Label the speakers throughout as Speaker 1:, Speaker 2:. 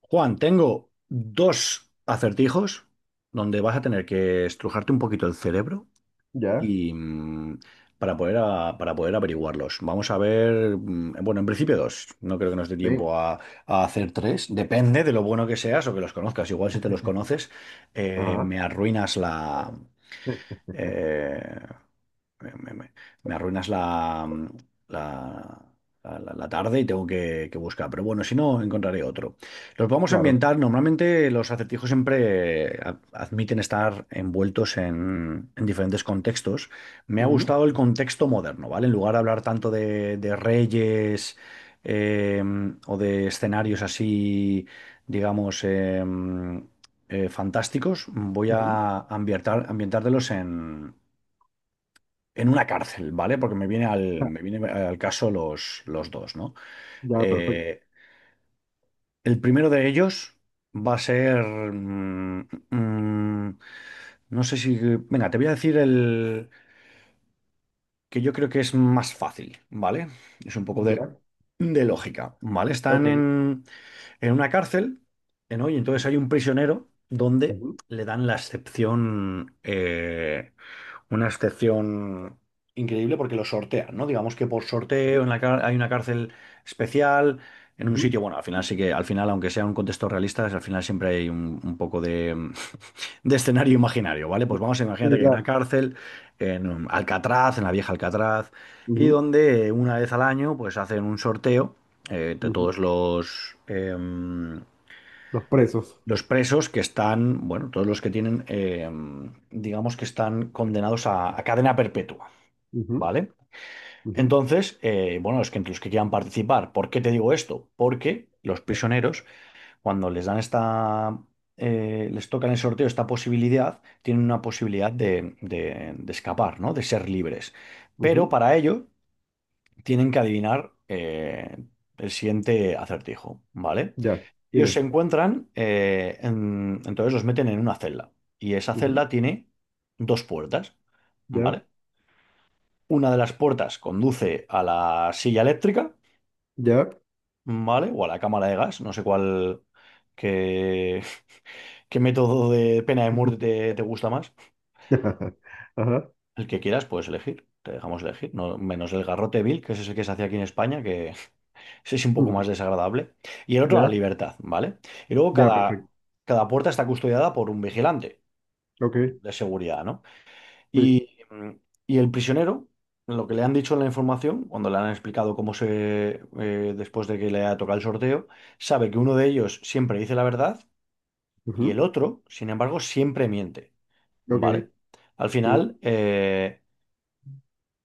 Speaker 1: Juan, tengo dos acertijos donde vas a tener que estrujarte un poquito el cerebro
Speaker 2: Ya,
Speaker 1: y para poder, para poder averiguarlos. Vamos a ver, bueno, en principio dos. No creo que nos dé
Speaker 2: bien,
Speaker 1: tiempo a, hacer tres. Depende de lo bueno que seas o que los conozcas. Igual si te los conoces, eh,
Speaker 2: ajá,
Speaker 1: me arruinas la...
Speaker 2: eh,
Speaker 1: eh, me, me- me- me arruinas la, la tarde y tengo que buscar. Pero bueno, si no, encontraré otro. Los vamos a
Speaker 2: claro.
Speaker 1: ambientar. Normalmente los acertijos siempre admiten estar envueltos en diferentes contextos. Me ha
Speaker 2: Ujú,
Speaker 1: gustado el contexto moderno, ¿vale? En lugar de hablar tanto de reyes, eh, o de escenarios así, digamos, fantásticos. Voy
Speaker 2: ujú,
Speaker 1: a ambientártelos en una cárcel, ¿vale? Porque
Speaker 2: ja,
Speaker 1: me viene al caso los dos, ¿no?
Speaker 2: ya, perfecto.
Speaker 1: Eh, el primero de ellos va a ser, no sé si. Venga, te voy a decir el que yo creo que es más fácil, ¿vale? Es un poco de,
Speaker 2: Ya,
Speaker 1: de lógica, ¿vale? Están
Speaker 2: ok.
Speaker 1: en una cárcel, ¿no? Y entonces hay un prisionero donde
Speaker 2: Ujú,
Speaker 1: le dan la excepción... una excepción increíble porque lo sortean, ¿no? Digamos que por sorteo en la hay una cárcel especial, en un
Speaker 2: ujú,
Speaker 1: sitio, bueno, al final sí que, al final, aunque sea un contexto realista, al final siempre hay un poco de de escenario imaginario, ¿vale? Pues vamos a imagínate
Speaker 2: sí,
Speaker 1: que hay una
Speaker 2: claro.
Speaker 1: cárcel en Alcatraz, en la vieja Alcatraz, y
Speaker 2: Ujú,
Speaker 1: donde, una vez al año, pues hacen un sorteo de todos
Speaker 2: ujú,
Speaker 1: los... em,
Speaker 2: los presos.
Speaker 1: los presos que están, bueno, todos los que tienen, digamos, que están condenados a, cadena perpetua,
Speaker 2: Ujú,
Speaker 1: ¿vale?
Speaker 2: ujú,
Speaker 1: Entonces, bueno, los que quieran participar. ¿Por qué te digo esto? Porque los prisioneros, cuando les dan les tocan el sorteo esta posibilidad, tienen una posibilidad de escapar, ¿no? De ser libres. Pero
Speaker 2: ujú,
Speaker 1: para ello tienen que adivinar el siguiente acertijo, ¿vale?
Speaker 2: ya,
Speaker 1: Ellos
Speaker 2: dime.
Speaker 1: se encuentran, entonces los meten en una celda, y esa
Speaker 2: Ujú,
Speaker 1: celda tiene dos puertas,
Speaker 2: ya,
Speaker 1: ¿vale? Una de las puertas conduce a la silla eléctrica,
Speaker 2: ya.
Speaker 1: ¿vale? O a la cámara de gas, no sé cuál, qué, qué método de pena de muerte te gusta más.
Speaker 2: Ajá.
Speaker 1: El que quieras puedes elegir, te dejamos elegir. No, menos el garrote vil, que ese es el que se hacía aquí en España, que ese es un poco
Speaker 2: Ujú,
Speaker 1: más desagradable. Y el otro, la
Speaker 2: ya,
Speaker 1: libertad, ¿vale? Y luego
Speaker 2: ya,
Speaker 1: cada,
Speaker 2: perfecto.
Speaker 1: cada puerta está custodiada por un vigilante
Speaker 2: Ok,
Speaker 1: de seguridad, ¿no?
Speaker 2: sí.
Speaker 1: Y, y el prisionero, lo que le han dicho en la información, cuando le han explicado cómo después de que le ha tocado el sorteo, sabe que uno de ellos siempre dice la verdad y el
Speaker 2: Ujú,
Speaker 1: otro, sin embargo, siempre miente,
Speaker 2: ok,
Speaker 1: ¿vale? Al
Speaker 2: sí.
Speaker 1: final,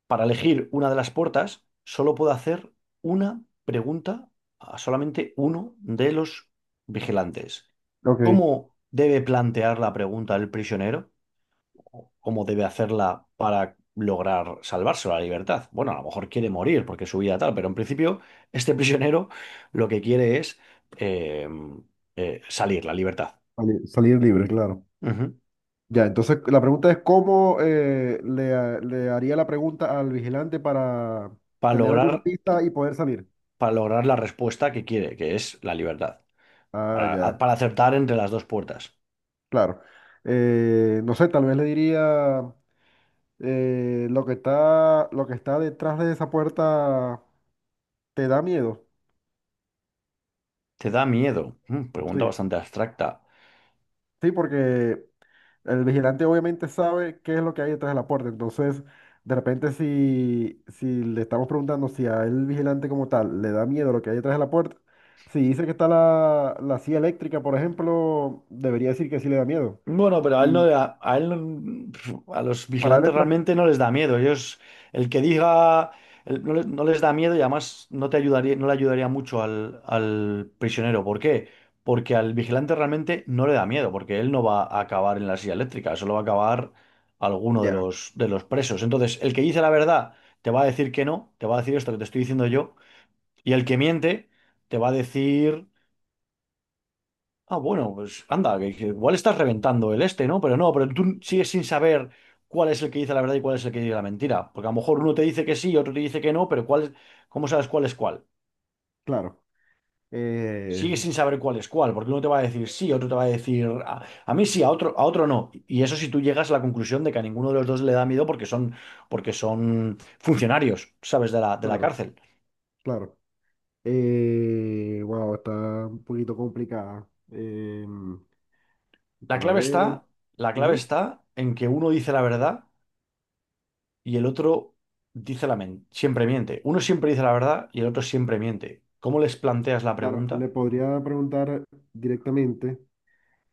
Speaker 1: para elegir una de las puertas, solo puedo hacer una pregunta a solamente uno de los vigilantes.
Speaker 2: Ok.
Speaker 1: ¿Cómo debe plantear la pregunta el prisionero? ¿O cómo debe hacerla para lograr salvarse la libertad? Bueno, a lo mejor quiere morir porque su vida tal, pero en principio este prisionero lo que quiere es, eh, salir, la libertad.
Speaker 2: Salir libre, claro.
Speaker 1: Ujú.
Speaker 2: Ya, entonces la pregunta es cómo le haría la pregunta al vigilante para
Speaker 1: Para
Speaker 2: tener alguna
Speaker 1: lograr,
Speaker 2: pista y poder salir.
Speaker 1: para lograr la respuesta que quiere, que es la libertad.
Speaker 2: Ah,
Speaker 1: Para,
Speaker 2: ya,
Speaker 1: para acertar entre las dos puertas.
Speaker 2: claro. No sé, tal vez le diría lo que está detrás de esa puerta te da miedo.
Speaker 1: Te da miedo. Mm, pregunta
Speaker 2: Sí,
Speaker 1: bastante abstracta.
Speaker 2: sí, porque el vigilante obviamente sabe qué es lo que hay detrás de la puerta, entonces de repente si, si le estamos preguntando si a él, el vigilante como tal le da miedo lo que hay detrás de la puerta, si dice que está la silla eléctrica, por ejemplo, debería decir que sí le da miedo.
Speaker 1: Bueno, pero a él no
Speaker 2: Y
Speaker 1: le da- a él no- a los
Speaker 2: para él es
Speaker 1: vigilantes
Speaker 2: tra-
Speaker 1: realmente no les da miedo. Ellos, el que diga, el- no, no les da miedo, y además no le ayudaría mucho al, prisionero. ¿Por qué? Porque al vigilante realmente no le da miedo, porque él no va a acabar en la silla eléctrica, solo va a acabar alguno de
Speaker 2: Ya,
Speaker 1: los, presos. Entonces, el que dice la verdad te va a decir que no, te va a decir esto que te estoy diciendo yo, y el que miente te va a decir. Ah, bueno, pues anda, que igual estás reventando el este, ¿no? Pero no, pero tú sigues sin saber cuál es el que dice la verdad y cuál es el que dice la mentira. Porque a lo mejor uno te dice que sí y otro te dice que no, pero cuál es, ¿cómo sabes cuál es cuál?
Speaker 2: claro, eh,
Speaker 1: Sigues sin saber cuál es cuál, porque uno te va a decir sí, otro te va a decir a, mí sí, a otro no. Y eso si tú llegas a la conclusión de que a ninguno de los dos le da miedo porque son, funcionarios, ¿sabes? De la,
Speaker 2: claro,
Speaker 1: cárcel.
Speaker 2: claro. Wow, está un poquito complicada. Em,
Speaker 1: La
Speaker 2: para
Speaker 1: clave
Speaker 2: ver,
Speaker 1: está, la clave
Speaker 2: ujú.
Speaker 1: está en que uno dice la verdad y el otro siempre miente. Uno siempre dice la verdad y el otro siempre miente. ¿Cómo les planteas la
Speaker 2: Claro, le
Speaker 1: pregunta?
Speaker 2: podría preguntar directamente.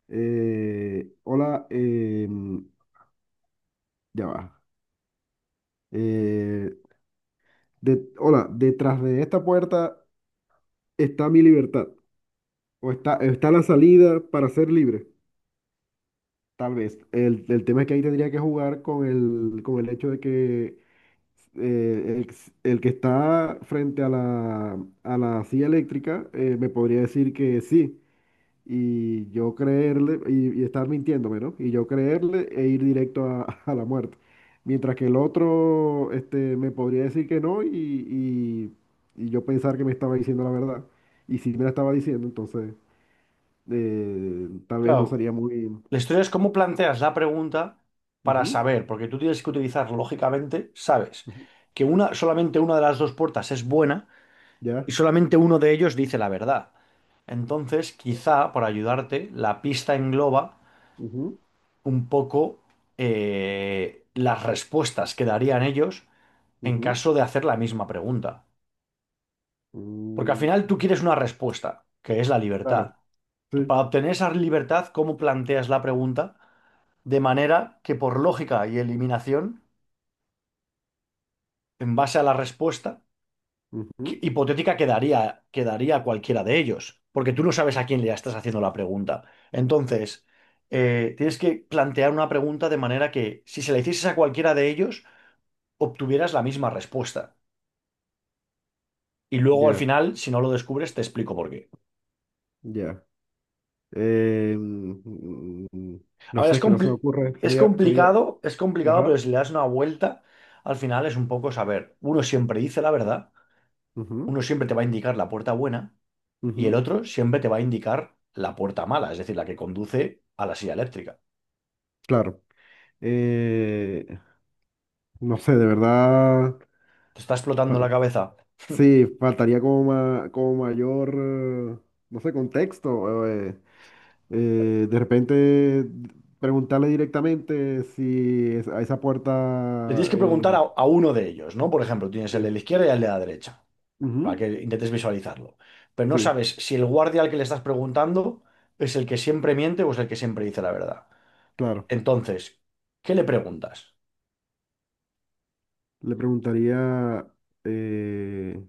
Speaker 2: Hola, ya va. Eh, Hola, detrás de esta puerta está mi libertad. O está la salida para ser libre, tal vez. El tema es que ahí tendría que jugar con el hecho de que eh, el, el que está frente a la silla eléctrica me podría decir que sí. Y yo creerle y estar mintiéndome, ¿no? Y yo creerle e ir directo a, a la muerte. Mientras que el otro me podría decir que no y yo pensar que me estaba diciendo la verdad. Y si me la estaba diciendo, entonces tal vez no
Speaker 1: Claro,
Speaker 2: sería muy...
Speaker 1: la historia es cómo planteas la pregunta para
Speaker 2: Ujú,
Speaker 1: saber, porque tú tienes que utilizar lógicamente, sabes
Speaker 2: ujú,
Speaker 1: que una, solamente una de las dos puertas es buena y
Speaker 2: ya.
Speaker 1: solamente uno de ellos dice la verdad. Entonces, quizá para ayudarte, la pista engloba
Speaker 2: Ujú,
Speaker 1: un poco las respuestas que darían ellos en
Speaker 2: ujú,
Speaker 1: caso de hacer la misma pregunta. Porque al
Speaker 2: mm,
Speaker 1: final tú quieres una respuesta, que es la
Speaker 2: claro.
Speaker 1: libertad. Tú,
Speaker 2: Sí.
Speaker 1: para obtener esa libertad, ¿cómo planteas la pregunta? De manera que por lógica y eliminación, en base a la respuesta
Speaker 2: Ujú,
Speaker 1: hipotética, quedaría a cualquiera de ellos, porque tú no sabes a quién le estás haciendo la pregunta. Entonces, tienes que plantear una pregunta de manera que si se la hicieses a cualquiera de ellos, obtuvieras la misma respuesta. Y luego al
Speaker 2: ya,
Speaker 1: final, si no lo descubres, te explico por qué.
Speaker 2: ya. Eh, mm, mm,
Speaker 1: A
Speaker 2: no
Speaker 1: ver,
Speaker 2: sé, que no se me ocurre. Sería.
Speaker 1: es complicado, pero si le das una vuelta, al final es un poco saber. Uno siempre dice la verdad,
Speaker 2: Ajá.
Speaker 1: uno siempre te va a indicar la puerta buena y el
Speaker 2: Ujú,
Speaker 1: otro siempre te va a indicar la puerta mala, es decir, la que conduce a la silla eléctrica.
Speaker 2: claro. Eh, no sé, de verdad,
Speaker 1: Te está
Speaker 2: fa-
Speaker 1: explotando la cabeza.
Speaker 2: sí, faltaría como, como mayor, no sé, contexto. De repente preguntarle directamente si es- a esa
Speaker 1: Le
Speaker 2: puerta...
Speaker 1: tienes que preguntar a, uno de ellos, ¿no? Por ejemplo, tienes
Speaker 2: Sí,
Speaker 1: el de la izquierda y el de la derecha, para
Speaker 2: ujú,
Speaker 1: que intentes visualizarlo. Pero no
Speaker 2: sí,
Speaker 1: sabes si el guardia al que le estás preguntando es el que siempre miente o es el que siempre dice la verdad.
Speaker 2: claro.
Speaker 1: Entonces, ¿qué le preguntas?
Speaker 2: Le preguntaría, eh,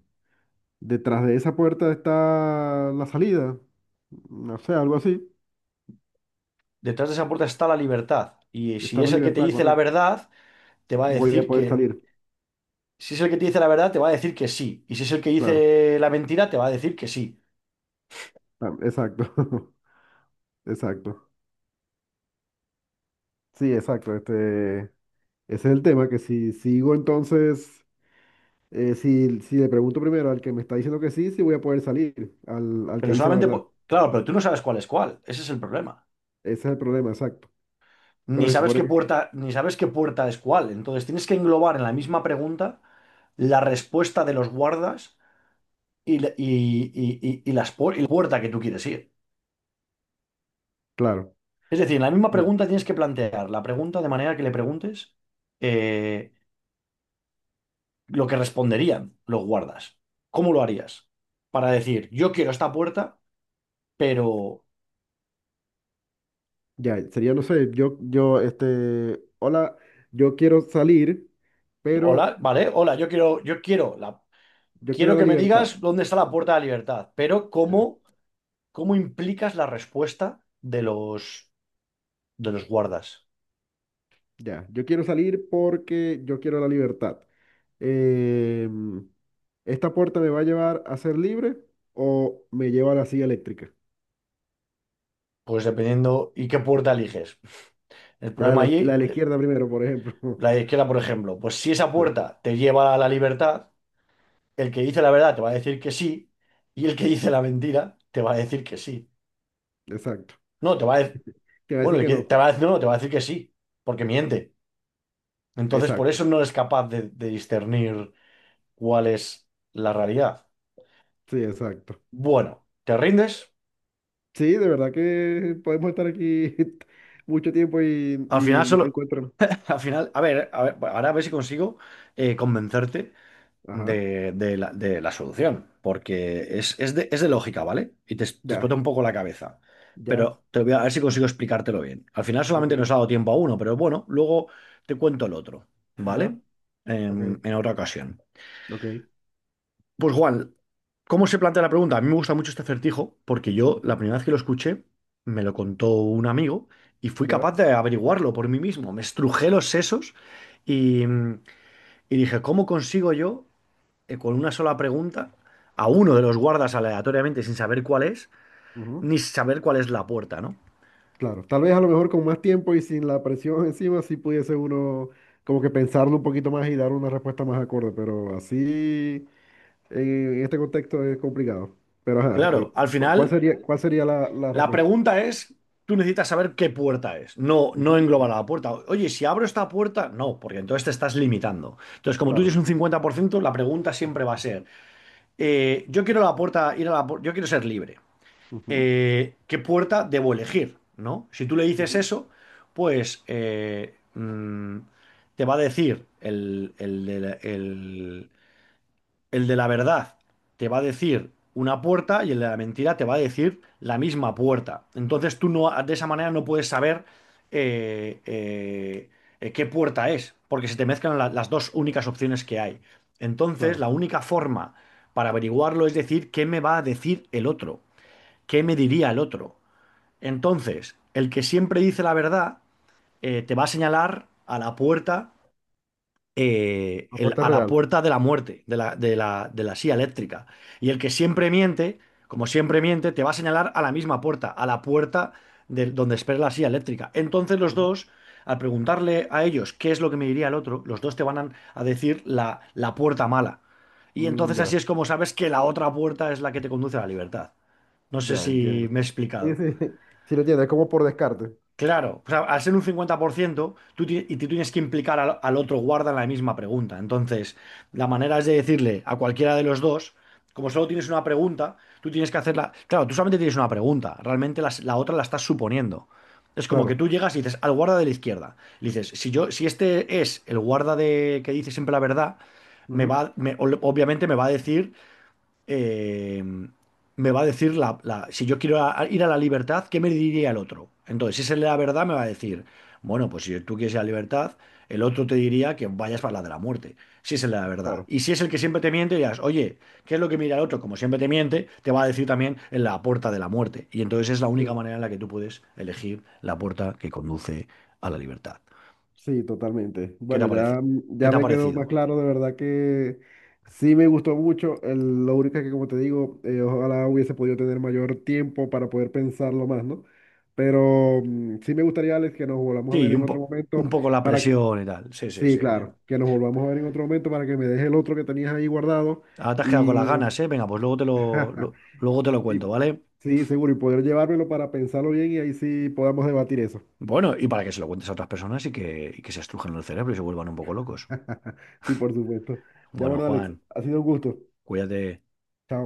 Speaker 2: ¿detrás de esa puerta está la salida? No sé, algo así.
Speaker 1: Detrás de esa puerta está la libertad. Y
Speaker 2: Está
Speaker 1: si
Speaker 2: la
Speaker 1: es el que te
Speaker 2: libertad,
Speaker 1: dice la
Speaker 2: correcto.
Speaker 1: verdad, te va a
Speaker 2: Voy a
Speaker 1: decir
Speaker 2: poder
Speaker 1: que...
Speaker 2: salir,
Speaker 1: Si es el que te dice la verdad, te va a decir que sí. Y si es el que
Speaker 2: claro.
Speaker 1: dice la mentira, te va a decir que sí.
Speaker 2: Ah, exacto, exacto. Sí, exacto. Ese es el tema, que si sigo entonces, si, si le pregunto primero al que me está diciendo que sí, sí voy a poder salir, al que
Speaker 1: Pero
Speaker 2: dice la
Speaker 1: solamente,
Speaker 2: verdad.
Speaker 1: claro, pero tú no sabes cuál es cuál. Ese es el problema.
Speaker 2: Ese es el problema, exacto.
Speaker 1: Ni
Speaker 2: Pero se
Speaker 1: sabes
Speaker 2: supone
Speaker 1: qué
Speaker 2: que,
Speaker 1: puerta, ni sabes qué puerta es cuál. Entonces tienes que englobar en la misma pregunta la respuesta de los guardas y, y la puerta que tú quieres ir.
Speaker 2: claro,
Speaker 1: Es decir, en la misma
Speaker 2: no,
Speaker 1: pregunta tienes que plantear la pregunta de manera que le preguntes, eh, lo que responderían los guardas. ¿Cómo lo harías? Para decir, yo quiero esta puerta, pero,
Speaker 2: ya, sería, no sé, yo, hola, yo quiero salir,
Speaker 1: hola,
Speaker 2: pero
Speaker 1: vale, hola, yo quiero la
Speaker 2: yo quiero
Speaker 1: quiero
Speaker 2: la
Speaker 1: que me
Speaker 2: libertad.
Speaker 1: digas dónde está la puerta de la libertad. Pero
Speaker 2: Eh,
Speaker 1: ¿cómo, implicas la respuesta de los, guardas?
Speaker 2: Ya, yo quiero salir porque yo quiero la libertad. eh, ¿Esta puerta me va a llevar a ser libre o me lleva a la silla eléctrica?
Speaker 1: Pues dependiendo y qué puerta eliges. El problema
Speaker 2: La de
Speaker 1: allí,
Speaker 2: la izquierda primero, por ejemplo.
Speaker 1: la de izquierda, por ejemplo, pues si esa
Speaker 2: Sí,
Speaker 1: puerta te lleva a la libertad, el que dice la verdad te va a decir que sí, y el que dice la mentira te va a decir que sí.
Speaker 2: exacto.
Speaker 1: No, te va a,
Speaker 2: Te va a decir
Speaker 1: bueno, el
Speaker 2: que
Speaker 1: que
Speaker 2: no.
Speaker 1: te va a, no, te va a decir que sí, porque miente. Entonces, por
Speaker 2: Exacto.
Speaker 1: eso no es capaz de, discernir cuál es la realidad.
Speaker 2: Sí, exacto.
Speaker 1: Bueno, ¿te rindes?
Speaker 2: Sí, de verdad que podemos estar aquí mucho tiempo y,
Speaker 1: Al
Speaker 2: y
Speaker 1: final
Speaker 2: no lo
Speaker 1: solo,
Speaker 2: encuentran.
Speaker 1: al final, a ver, bueno, ahora a ver si consigo, convencerte
Speaker 2: Ajá.
Speaker 1: de la solución, porque es, es de lógica, ¿vale? Y te
Speaker 2: Ya,
Speaker 1: explota un poco la cabeza,
Speaker 2: ya,
Speaker 1: pero te voy a ver si consigo explicártelo bien. Al final solamente
Speaker 2: ok,
Speaker 1: nos ha dado tiempo a uno, pero bueno, luego te cuento el otro, ¿vale?
Speaker 2: ya, ok,
Speaker 1: En otra ocasión.
Speaker 2: ok.
Speaker 1: Pues Juan, ¿cómo se plantea la pregunta? A mí me gusta mucho este acertijo porque yo la
Speaker 2: Ujú,
Speaker 1: primera vez que lo escuché me lo contó un amigo, y fui
Speaker 2: ya.
Speaker 1: capaz de averiguarlo por mí mismo. Me estrujé los sesos y, dije, ¿cómo consigo yo, con una sola pregunta, a uno de los guardas aleatoriamente sin saber cuál es,
Speaker 2: Ujú.
Speaker 1: ni saber cuál es la puerta, ¿no?
Speaker 2: Claro, tal vez a lo mejor con más tiempo y sin la presión encima, sí pudiese uno como que pensarlo un poquito más y dar una respuesta más acorde, pero así en este contexto es complicado. Pero ajá,
Speaker 1: Claro, al
Speaker 2: ¿cuál
Speaker 1: final
Speaker 2: sería, cuál sería la
Speaker 1: la
Speaker 2: respuesta?
Speaker 1: pregunta es, tú necesitas saber qué puerta es, no,
Speaker 2: Ujú,
Speaker 1: no
Speaker 2: ujú,
Speaker 1: englobar a la puerta. Oye, si abro esta puerta, no, porque entonces te estás limitando. Entonces, como tú
Speaker 2: claro,
Speaker 1: tienes un 50%, la pregunta siempre va a ser, yo quiero la puerta, ir a la, yo quiero ser libre.
Speaker 2: ujú,
Speaker 1: ¿Qué puerta debo elegir? ¿No? Si tú le dices
Speaker 2: ujú,
Speaker 1: eso, pues, te va a decir el de la verdad te va a decir una puerta y el de la mentira te va a decir la misma puerta. Entonces tú no, de esa manera no puedes saber, eh, eh, qué puerta es, porque se te mezclan las dos únicas opciones que hay. Entonces
Speaker 2: claro,
Speaker 1: la única forma para averiguarlo es decir qué me va a decir el otro, qué me diría el otro. Entonces, el que siempre dice la verdad, te va a señalar a la
Speaker 2: aporte
Speaker 1: a la
Speaker 2: real.
Speaker 1: puerta de la muerte, de la silla eléctrica. Y el que siempre miente, como siempre miente, te va a señalar a la misma puerta, a la puerta de donde espera la silla eléctrica. Entonces los
Speaker 2: Ujú.
Speaker 1: dos, al preguntarle a ellos qué es lo que me diría el otro, los dos te van a, decir la puerta mala. Y
Speaker 2: Mm,
Speaker 1: entonces así
Speaker 2: ya,
Speaker 1: es como sabes que la otra puerta es la que te conduce a la libertad. No sé
Speaker 2: ya
Speaker 1: si
Speaker 2: entiendo.
Speaker 1: me he
Speaker 2: Sí,
Speaker 1: explicado.
Speaker 2: sí, sí lo entiendo, es como por descarte.
Speaker 1: Claro, o sea, al ser un 50%, y tú tienes que implicar al, otro guarda en la misma pregunta. Entonces, la manera es de decirle a cualquiera de los dos, como solo tienes una pregunta, tú tienes que hacerla. Claro, tú solamente tienes una pregunta, realmente otra la estás suponiendo. Es como que
Speaker 2: Claro,
Speaker 1: tú llegas y dices al guarda de la izquierda. Le dices, si yo, si este es el guarda de que dice siempre la verdad,
Speaker 2: ujú,
Speaker 1: obviamente me va a decir, eh, me va a decir si yo quiero ir a la libertad, ¿qué me diría el otro? Entonces, si esa es la verdad, me va a decir, bueno, pues si tú quieres ir a la libertad, el otro te diría que vayas para la de la muerte, si esa es la verdad.
Speaker 2: claro,
Speaker 1: Y si es el que siempre te miente, dirás, oye, ¿qué es lo que mira el otro? Como siempre te miente, te va a decir también en la puerta de la muerte. Y entonces es la única
Speaker 2: sí.
Speaker 1: manera en la que tú puedes elegir la puerta que conduce a la libertad.
Speaker 2: Sí, totalmente.
Speaker 1: ¿Qué te
Speaker 2: Bueno, ya,
Speaker 1: parece? ¿Qué
Speaker 2: ya
Speaker 1: te ha
Speaker 2: me quedó más
Speaker 1: parecido?
Speaker 2: claro, de verdad que sí me gustó mucho. Lo único es que, como te digo, ojalá hubiese podido tener mayor tiempo para poder pensarlo más, ¿no? Pero sí me gustaría, Alex, que nos volvamos a ver
Speaker 1: Sí,
Speaker 2: en otro
Speaker 1: un
Speaker 2: momento
Speaker 1: poco la
Speaker 2: para que,
Speaker 1: presión y tal. Sí, sí,
Speaker 2: sí,
Speaker 1: sí, entiendo.
Speaker 2: claro, que nos volvamos a ver en otro momento para que me dejes el otro que tenías ahí guardado
Speaker 1: Ahora te has quedado con las
Speaker 2: y,
Speaker 1: ganas, ¿eh? Venga, pues luego te lo, luego te lo cuento,
Speaker 2: y
Speaker 1: ¿vale?
Speaker 2: sí, seguro, y poder llevármelo para pensarlo bien y ahí sí podamos debatir eso.
Speaker 1: Bueno, y para que se lo cuentes a otras personas y que se estrujan el cerebro y se vuelvan un poco locos.
Speaker 2: Sí, por supuesto. Ya
Speaker 1: Bueno,
Speaker 2: bueno, Alex,
Speaker 1: Juan,
Speaker 2: ha sido un gusto.
Speaker 1: cuídate.
Speaker 2: Chao.